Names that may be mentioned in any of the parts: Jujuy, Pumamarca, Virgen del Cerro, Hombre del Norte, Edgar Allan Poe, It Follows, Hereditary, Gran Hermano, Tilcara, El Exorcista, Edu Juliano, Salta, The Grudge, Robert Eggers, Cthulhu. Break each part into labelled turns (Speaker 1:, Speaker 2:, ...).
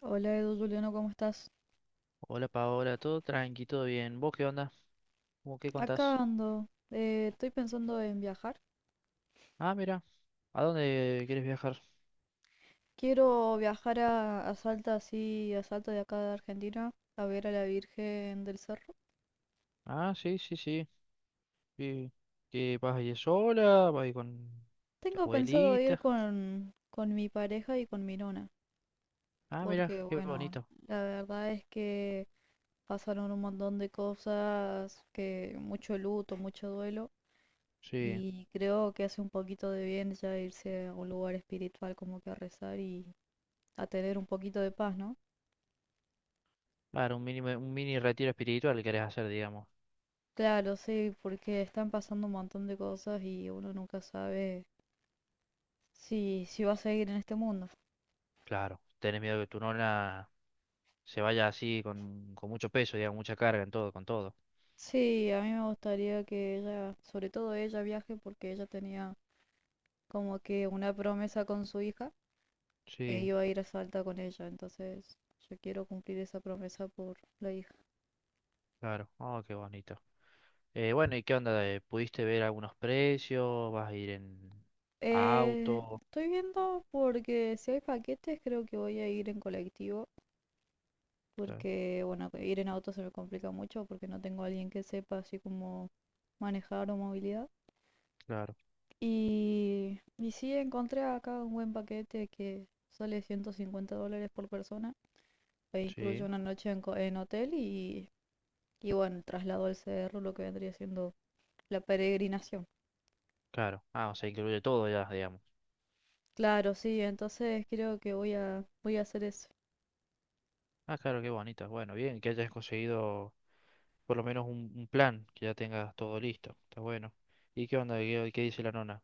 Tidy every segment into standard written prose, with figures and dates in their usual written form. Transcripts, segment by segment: Speaker 1: Hola Edu Juliano, ¿cómo estás?
Speaker 2: Hola Paola, todo tranqui, todo bien. ¿Vos qué onda? ¿Cómo qué contás?
Speaker 1: Acá ando. Estoy pensando en viajar.
Speaker 2: Ah, mira, ¿a dónde quieres viajar?
Speaker 1: Quiero viajar a Salta, así, a Salta de acá de Argentina, a ver a la Virgen del Cerro.
Speaker 2: Ah, sí, sí, sí. ¿Y qué vas a ir sola? ¿Vas a ir con tu
Speaker 1: Tengo pensado ir
Speaker 2: abuelita?
Speaker 1: con mi pareja y con mi nona,
Speaker 2: Ah, mira,
Speaker 1: porque
Speaker 2: qué
Speaker 1: bueno,
Speaker 2: bonito.
Speaker 1: la verdad es que pasaron un montón de cosas, que mucho luto, mucho duelo,
Speaker 2: Sí,
Speaker 1: y creo que hace un poquito de bien ya irse a un lugar espiritual como que a rezar y a tener un poquito de paz, ¿no?
Speaker 2: claro, un mini retiro espiritual querés hacer, digamos.
Speaker 1: Claro, sí, porque están pasando un montón de cosas y uno nunca sabe si va a seguir en este mundo.
Speaker 2: Claro, tenés miedo que tu nona se vaya así con mucho peso, digamos, mucha carga en todo, con todo.
Speaker 1: Sí, a mí me gustaría que ella, sobre todo ella, viaje porque ella tenía como que una promesa con su hija que
Speaker 2: Sí,
Speaker 1: iba a ir a Salta con ella, entonces yo quiero cumplir esa promesa por la hija.
Speaker 2: claro. Oh, qué bonito. Bueno, ¿y qué onda? ¿Pudiste ver algunos precios? ¿Vas a ir en auto?
Speaker 1: Estoy viendo porque si hay paquetes creo que voy a ir en colectivo
Speaker 2: Claro,
Speaker 1: porque, bueno, ir en auto se me complica mucho porque no tengo a alguien que sepa así como manejar o movilidad.
Speaker 2: claro,
Speaker 1: Y sí, encontré acá un buen paquete que sale 150 dólares por persona e incluye
Speaker 2: sí,
Speaker 1: una noche en, en hotel y bueno, el traslado al cerro, lo que vendría siendo la peregrinación.
Speaker 2: claro. Ah, o sea, incluye todo ya, digamos.
Speaker 1: Claro, sí, entonces creo que voy a hacer eso.
Speaker 2: Ah, claro, qué bonita. Bueno, bien, que hayas conseguido por lo menos un plan, que ya tengas todo listo. Está bueno. ¿Y qué onda? ¿Qué dice la nona?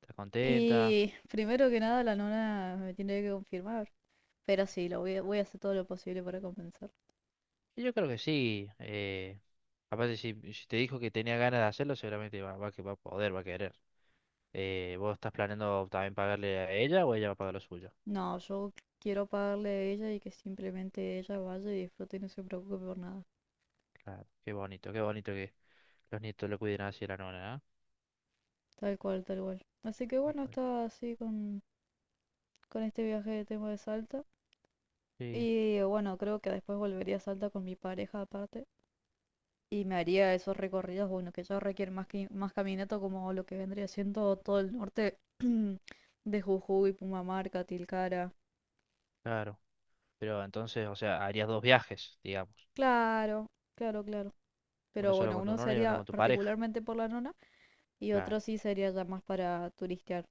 Speaker 2: ¿Está contenta?
Speaker 1: Y primero que nada, la nona me tiene que confirmar, pero sí, voy a hacer todo lo posible para compensar.
Speaker 2: Y yo creo que sí. Aparte, si te dijo que tenía ganas de hacerlo, seguramente va, que va a poder, va a querer. ¿Vos estás planeando también pagarle a ella o ella va a pagar lo suyo?
Speaker 1: No, yo quiero pagarle a ella y que simplemente ella vaya y disfrute y no se preocupe por nada.
Speaker 2: Claro, qué bonito que los nietos lo cuiden así a la nona, ¿ah?
Speaker 1: Tal cual, tal cual. Así que
Speaker 2: Tal
Speaker 1: bueno,
Speaker 2: cual.
Speaker 1: estaba así con este viaje que tengo de Salta.
Speaker 2: Sí,
Speaker 1: Y bueno, creo que después volvería a Salta con mi pareja aparte. Y me haría esos recorridos, bueno, que ya requieren más, que, más caminata como lo que vendría siendo todo el norte de Jujuy, Pumamarca, Tilcara.
Speaker 2: claro. Pero entonces, o sea, harías dos viajes, digamos.
Speaker 1: Claro, claro, claro.
Speaker 2: Uno
Speaker 1: Pero
Speaker 2: solo
Speaker 1: bueno,
Speaker 2: con tu
Speaker 1: uno
Speaker 2: nona y uno
Speaker 1: sería
Speaker 2: con tu pareja.
Speaker 1: particularmente por la nona y
Speaker 2: Claro,
Speaker 1: otro sí sería ya más para turistear.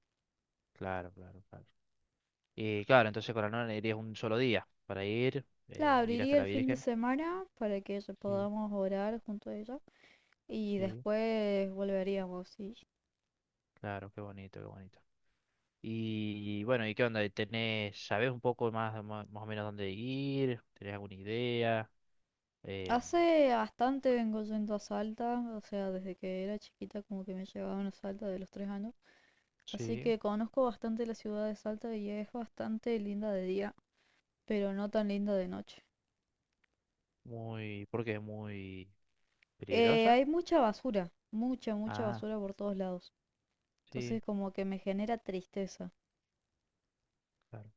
Speaker 2: claro, claro, claro. Y claro, entonces con la nona irías un solo día para ir,
Speaker 1: La
Speaker 2: ir hasta
Speaker 1: abriría
Speaker 2: la
Speaker 1: el fin de
Speaker 2: Virgen.
Speaker 1: semana para que ya
Speaker 2: Sí,
Speaker 1: podamos orar junto a ella. Y
Speaker 2: sí,
Speaker 1: después volveríamos, sí.
Speaker 2: claro, qué bonito, qué bonito. Y bueno, ¿y qué onda? ¿Tenés, sabés un poco más, más o menos dónde ir? ¿Tenés alguna idea? Eh,
Speaker 1: Hace bastante vengo yendo a Salta, o sea, desde que era chiquita como que me llevaban a Salta de los 3 años. Así
Speaker 2: sí,
Speaker 1: que conozco bastante la ciudad de Salta y es bastante linda de día, pero no tan linda de noche.
Speaker 2: muy, ¿por qué? Muy peligrosa.
Speaker 1: Hay mucha basura, mucha, mucha
Speaker 2: Ah,
Speaker 1: basura por todos lados.
Speaker 2: sí,
Speaker 1: Entonces como que me genera tristeza.
Speaker 2: claro.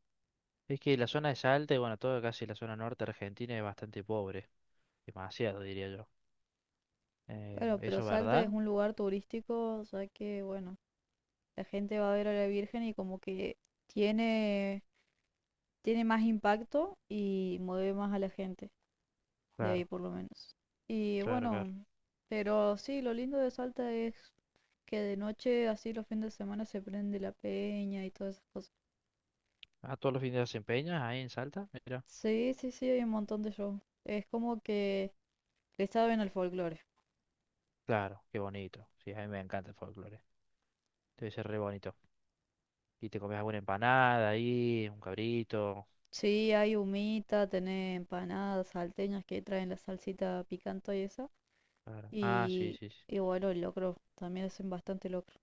Speaker 2: Es que la zona de Salta y bueno, toda casi la zona norte argentina es bastante pobre. Demasiado, diría yo.
Speaker 1: Bueno, pero
Speaker 2: ¿Eso es
Speaker 1: Salta es
Speaker 2: verdad?
Speaker 1: un lugar turístico, o sea que, bueno, la gente va a ver a la Virgen y como que tiene tiene más impacto y mueve más a la gente, de ahí
Speaker 2: Claro,
Speaker 1: por lo menos. Y
Speaker 2: claro, claro.
Speaker 1: bueno, pero sí, lo lindo de Salta es que de noche, así los fines de semana, se prende la peña y todas esas cosas.
Speaker 2: Ah, todos los fines de semana empeñas ahí en Salta, mira.
Speaker 1: Sí, sí, sí, hay un montón de shows. Es como que le saben al folclore.
Speaker 2: Claro, qué bonito. Sí, a mí me encanta el folclore. Debe ser re bonito. Y te comes alguna empanada ahí, un cabrito.
Speaker 1: Sí, hay humita, tenés empanadas salteñas que traen la salsita picante y esa.
Speaker 2: Claro. Ah, sí,
Speaker 1: Y,
Speaker 2: sí, sí.
Speaker 1: y bueno, el locro, también hacen bastante locro.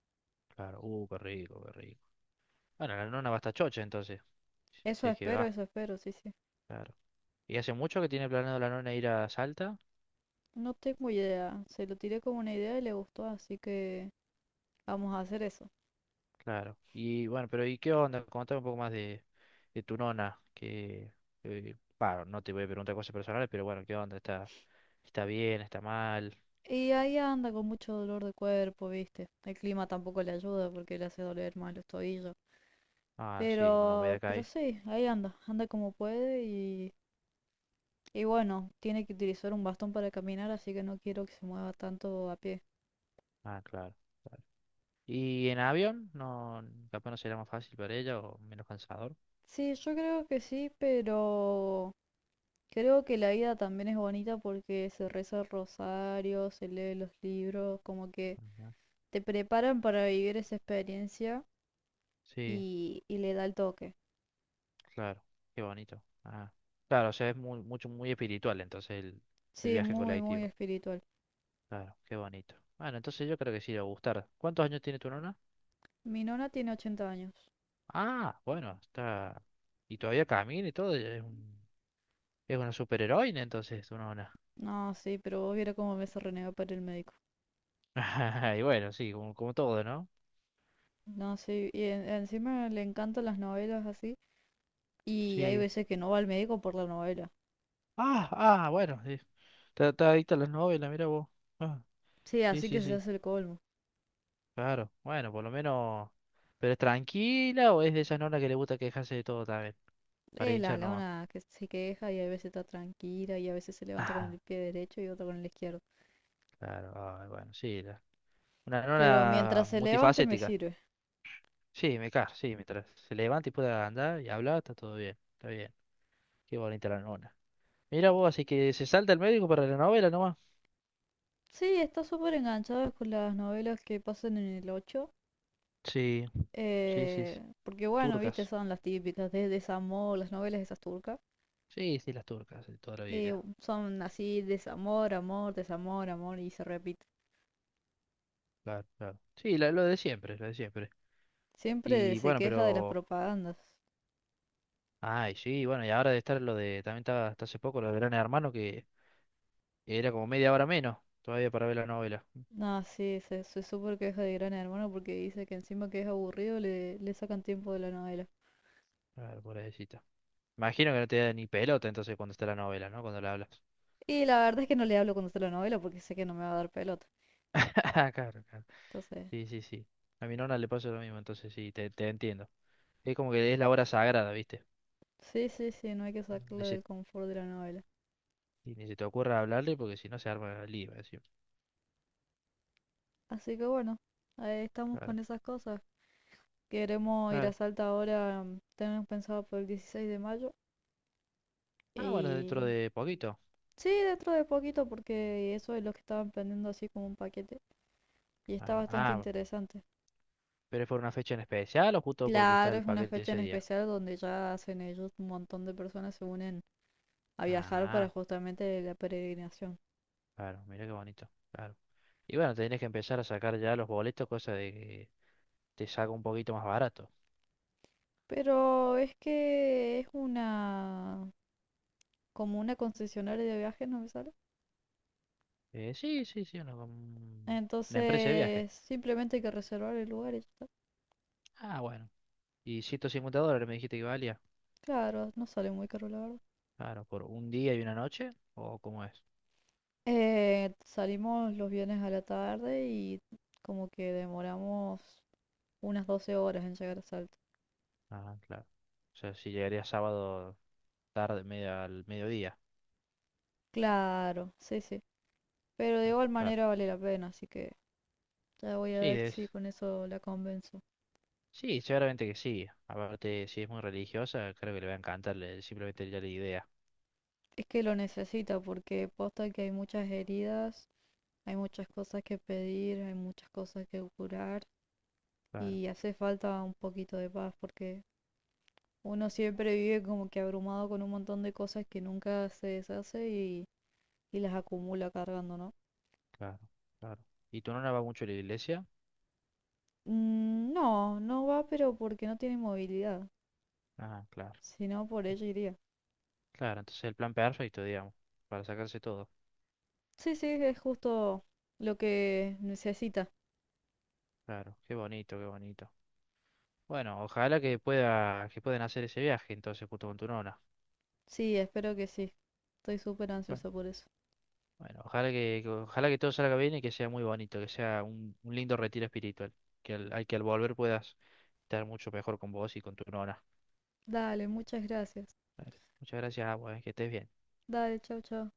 Speaker 2: Claro, qué rico, qué rico. Bueno, la nona va hasta chocha entonces. Sí, sí,
Speaker 1: Eso espero, sí, sí.
Speaker 2: claro. ¿Y hace mucho que tiene planeado la nona ir a Salta?
Speaker 1: No tengo idea, se lo tiré como una idea y le gustó, así que vamos a hacer eso.
Speaker 2: Claro. Y bueno, pero ¿y qué onda? Contame un poco más de tu nona, que, bah, no te voy a preguntar cosas personales, pero bueno, ¿qué onda? ¿Está bien? ¿Está mal?
Speaker 1: Y ahí anda con mucho dolor de cuerpo, viste. El clima tampoco le ayuda porque le hace doler más los tobillos.
Speaker 2: Ah, sí, con la humedad que
Speaker 1: Pero
Speaker 2: hay.
Speaker 1: sí, ahí anda, anda como puede y bueno, tiene que utilizar un bastón para caminar, así que no quiero que se mueva tanto a pie.
Speaker 2: Ah, claro. ¿Y en avión? No, capaz no será más fácil para ella o menos cansador.
Speaker 1: Sí, yo creo que sí, pero creo que la ida también es bonita porque se reza el rosario, se lee los libros, como que
Speaker 2: Ajá.
Speaker 1: te preparan para vivir esa experiencia
Speaker 2: Sí,
Speaker 1: y le da el toque.
Speaker 2: claro, qué bonito. Ah, claro, o sea, es muy, mucho, muy espiritual entonces el
Speaker 1: Sí,
Speaker 2: viaje en
Speaker 1: muy, muy
Speaker 2: colectivo.
Speaker 1: espiritual.
Speaker 2: Claro, qué bonito. Bueno, entonces yo creo que sí le va a gustar. ¿Cuántos años tiene tu nona?
Speaker 1: Mi nona tiene 80 años.
Speaker 2: Ah, bueno, está... Y todavía camina y todo, es un Es una superheroína, entonces, una ona.
Speaker 1: No, sí, pero vos viera cómo me se renegó para el médico.
Speaker 2: Y bueno, sí, como todo, ¿no?
Speaker 1: No, sí, y encima le encantan las novelas así. Y hay
Speaker 2: Sí.
Speaker 1: veces que no va al médico por la novela.
Speaker 2: Ah, ah, bueno, sí. Está adicta a las novelas, mira vos. Ah,
Speaker 1: Sí,
Speaker 2: sí,
Speaker 1: así
Speaker 2: sí,
Speaker 1: que se
Speaker 2: sí,
Speaker 1: hace el colmo.
Speaker 2: claro. Bueno, por lo menos. ¿Pero es tranquila o es de esas nonas que le gusta quejarse de todo también? Para
Speaker 1: Es la
Speaker 2: hinchar nomás.
Speaker 1: lona que se queja y a veces está tranquila y a veces se levanta con el pie derecho y otra con el izquierdo.
Speaker 2: Ah, claro, ay, bueno, sí. la- Una
Speaker 1: Pero
Speaker 2: nona
Speaker 1: mientras se levante me
Speaker 2: multifacética.
Speaker 1: sirve.
Speaker 2: Sí, me cae, sí, mientras se levanta y pueda andar y hablar, está todo bien, está bien. Qué bonita la nona. Mira vos, así que se salta el médico para la novela nomás.
Speaker 1: Sí, está súper enganchado con las novelas que pasan en el 8.
Speaker 2: Sí. Sí, sí, sí.
Speaker 1: Porque bueno, viste,
Speaker 2: Turcas.
Speaker 1: son las típicas de desamor, las novelas esas turcas.
Speaker 2: Sí, sí, las turcas, de toda la
Speaker 1: eh,
Speaker 2: vida.
Speaker 1: Son así, desamor, amor, y se repite.
Speaker 2: Claro, claro. Sí, la- lo de siempre, lo de siempre.
Speaker 1: Siempre
Speaker 2: Y
Speaker 1: se
Speaker 2: bueno,
Speaker 1: queja de las
Speaker 2: pero.
Speaker 1: propagandas.
Speaker 2: Ay, sí, bueno, y ahora de estar lo de. También estaba hasta hace poco lo de Gran Hermano, que era como media hora menos todavía para ver la novela.
Speaker 1: No, sí, se súper queja de Gran Hermano porque dice que encima que es aburrido le sacan tiempo de la novela.
Speaker 2: Claro, pobrecita. Imagino que no te da ni pelota entonces cuando está la novela, ¿no? Cuando la hablas.
Speaker 1: Y la verdad es que no le hablo cuando está la novela porque sé que no me va a dar pelota.
Speaker 2: Claro, claro.
Speaker 1: Entonces,
Speaker 2: Sí, sí, sí. A mi nona le pasa lo mismo, entonces sí, te entiendo. Es como que es la hora sagrada, ¿viste?
Speaker 1: sí, sí, sí, no hay que sacarla
Speaker 2: Ni se,
Speaker 1: del confort de la novela.
Speaker 2: ni se te ocurra hablarle porque si no se arma el lío, encima.
Speaker 1: Así que bueno, ahí estamos
Speaker 2: Claro.
Speaker 1: con esas cosas. Queremos ir a
Speaker 2: Claro,
Speaker 1: Salta ahora, tenemos pensado por el 16 de mayo.
Speaker 2: ah, bueno,
Speaker 1: Y
Speaker 2: dentro de poquito.
Speaker 1: sí, dentro de poquito, porque eso es lo que estaban vendiendo así como un paquete. Y está
Speaker 2: Claro.
Speaker 1: bastante
Speaker 2: Ah,
Speaker 1: interesante.
Speaker 2: pero es por una fecha en especial o justo porque está
Speaker 1: Claro,
Speaker 2: el
Speaker 1: es una
Speaker 2: paquete
Speaker 1: fecha
Speaker 2: ese
Speaker 1: en
Speaker 2: día.
Speaker 1: especial donde ya hacen ellos un montón de personas se unen a viajar para
Speaker 2: Ah,
Speaker 1: justamente la peregrinación.
Speaker 2: claro, mira qué bonito. Claro. Y bueno, tenés que empezar a sacar ya los boletos, cosa de que te salga un poquito más barato.
Speaker 1: Pero es que es una como una concesionaria de viajes, no me sale.
Speaker 2: Eh, sí, sí, sí, una, com- una empresa de viaje.
Speaker 1: Entonces, simplemente hay que reservar el lugar y ya está.
Speaker 2: Ah, bueno. ¿Y 150 dólares me dijiste que valía?
Speaker 1: Claro, no sale muy caro, la verdad.
Speaker 2: Claro, por un día y una noche, ¿o cómo es?
Speaker 1: Salimos los viernes a la tarde y como que demoramos unas 12 horas en llegar a Salta.
Speaker 2: Ah, claro. O sea, si llegaría sábado tarde, media, al mediodía.
Speaker 1: Claro, sí, sí. Pero de
Speaker 2: Claro.
Speaker 1: igual
Speaker 2: Claro.
Speaker 1: manera vale la pena, así que ya voy a
Speaker 2: Sí,
Speaker 1: ver si
Speaker 2: es
Speaker 1: con eso la convenzo.
Speaker 2: sí, seguramente que sí. Aparte, si es muy religiosa, creo que le va a encantar le- simplemente ya la idea.
Speaker 1: Es que lo necesita porque posta que hay muchas heridas, hay muchas cosas que pedir, hay muchas cosas que curar
Speaker 2: Claro,
Speaker 1: y hace falta un poquito de paz porque uno siempre vive como que abrumado con un montón de cosas que nunca se deshace y las acumula cargando, ¿no?
Speaker 2: claro, claro. ¿Y tu nona va mucho a la iglesia?
Speaker 1: No, no va, pero porque no tiene movilidad.
Speaker 2: Ah, claro,
Speaker 1: Si no, por ella iría.
Speaker 2: claro. Entonces el plan perfecto, digamos, para sacarse todo.
Speaker 1: Sí, sí, es justo lo que necesita.
Speaker 2: Claro, qué bonito, qué bonito. Bueno, ojalá que pueda, que puedan hacer ese viaje entonces junto con tu nona.
Speaker 1: Sí, espero que sí. Estoy súper
Speaker 2: Bueno,
Speaker 1: ansiosa por eso.
Speaker 2: bueno, ojalá ojalá que todo salga bien y que sea muy bonito, que sea un lindo retiro espiritual. Que al volver puedas estar mucho mejor con vos y con tu nona.
Speaker 1: Dale, muchas gracias.
Speaker 2: Vale. Muchas gracias, agua, que estés bien.
Speaker 1: Dale, chau, chau.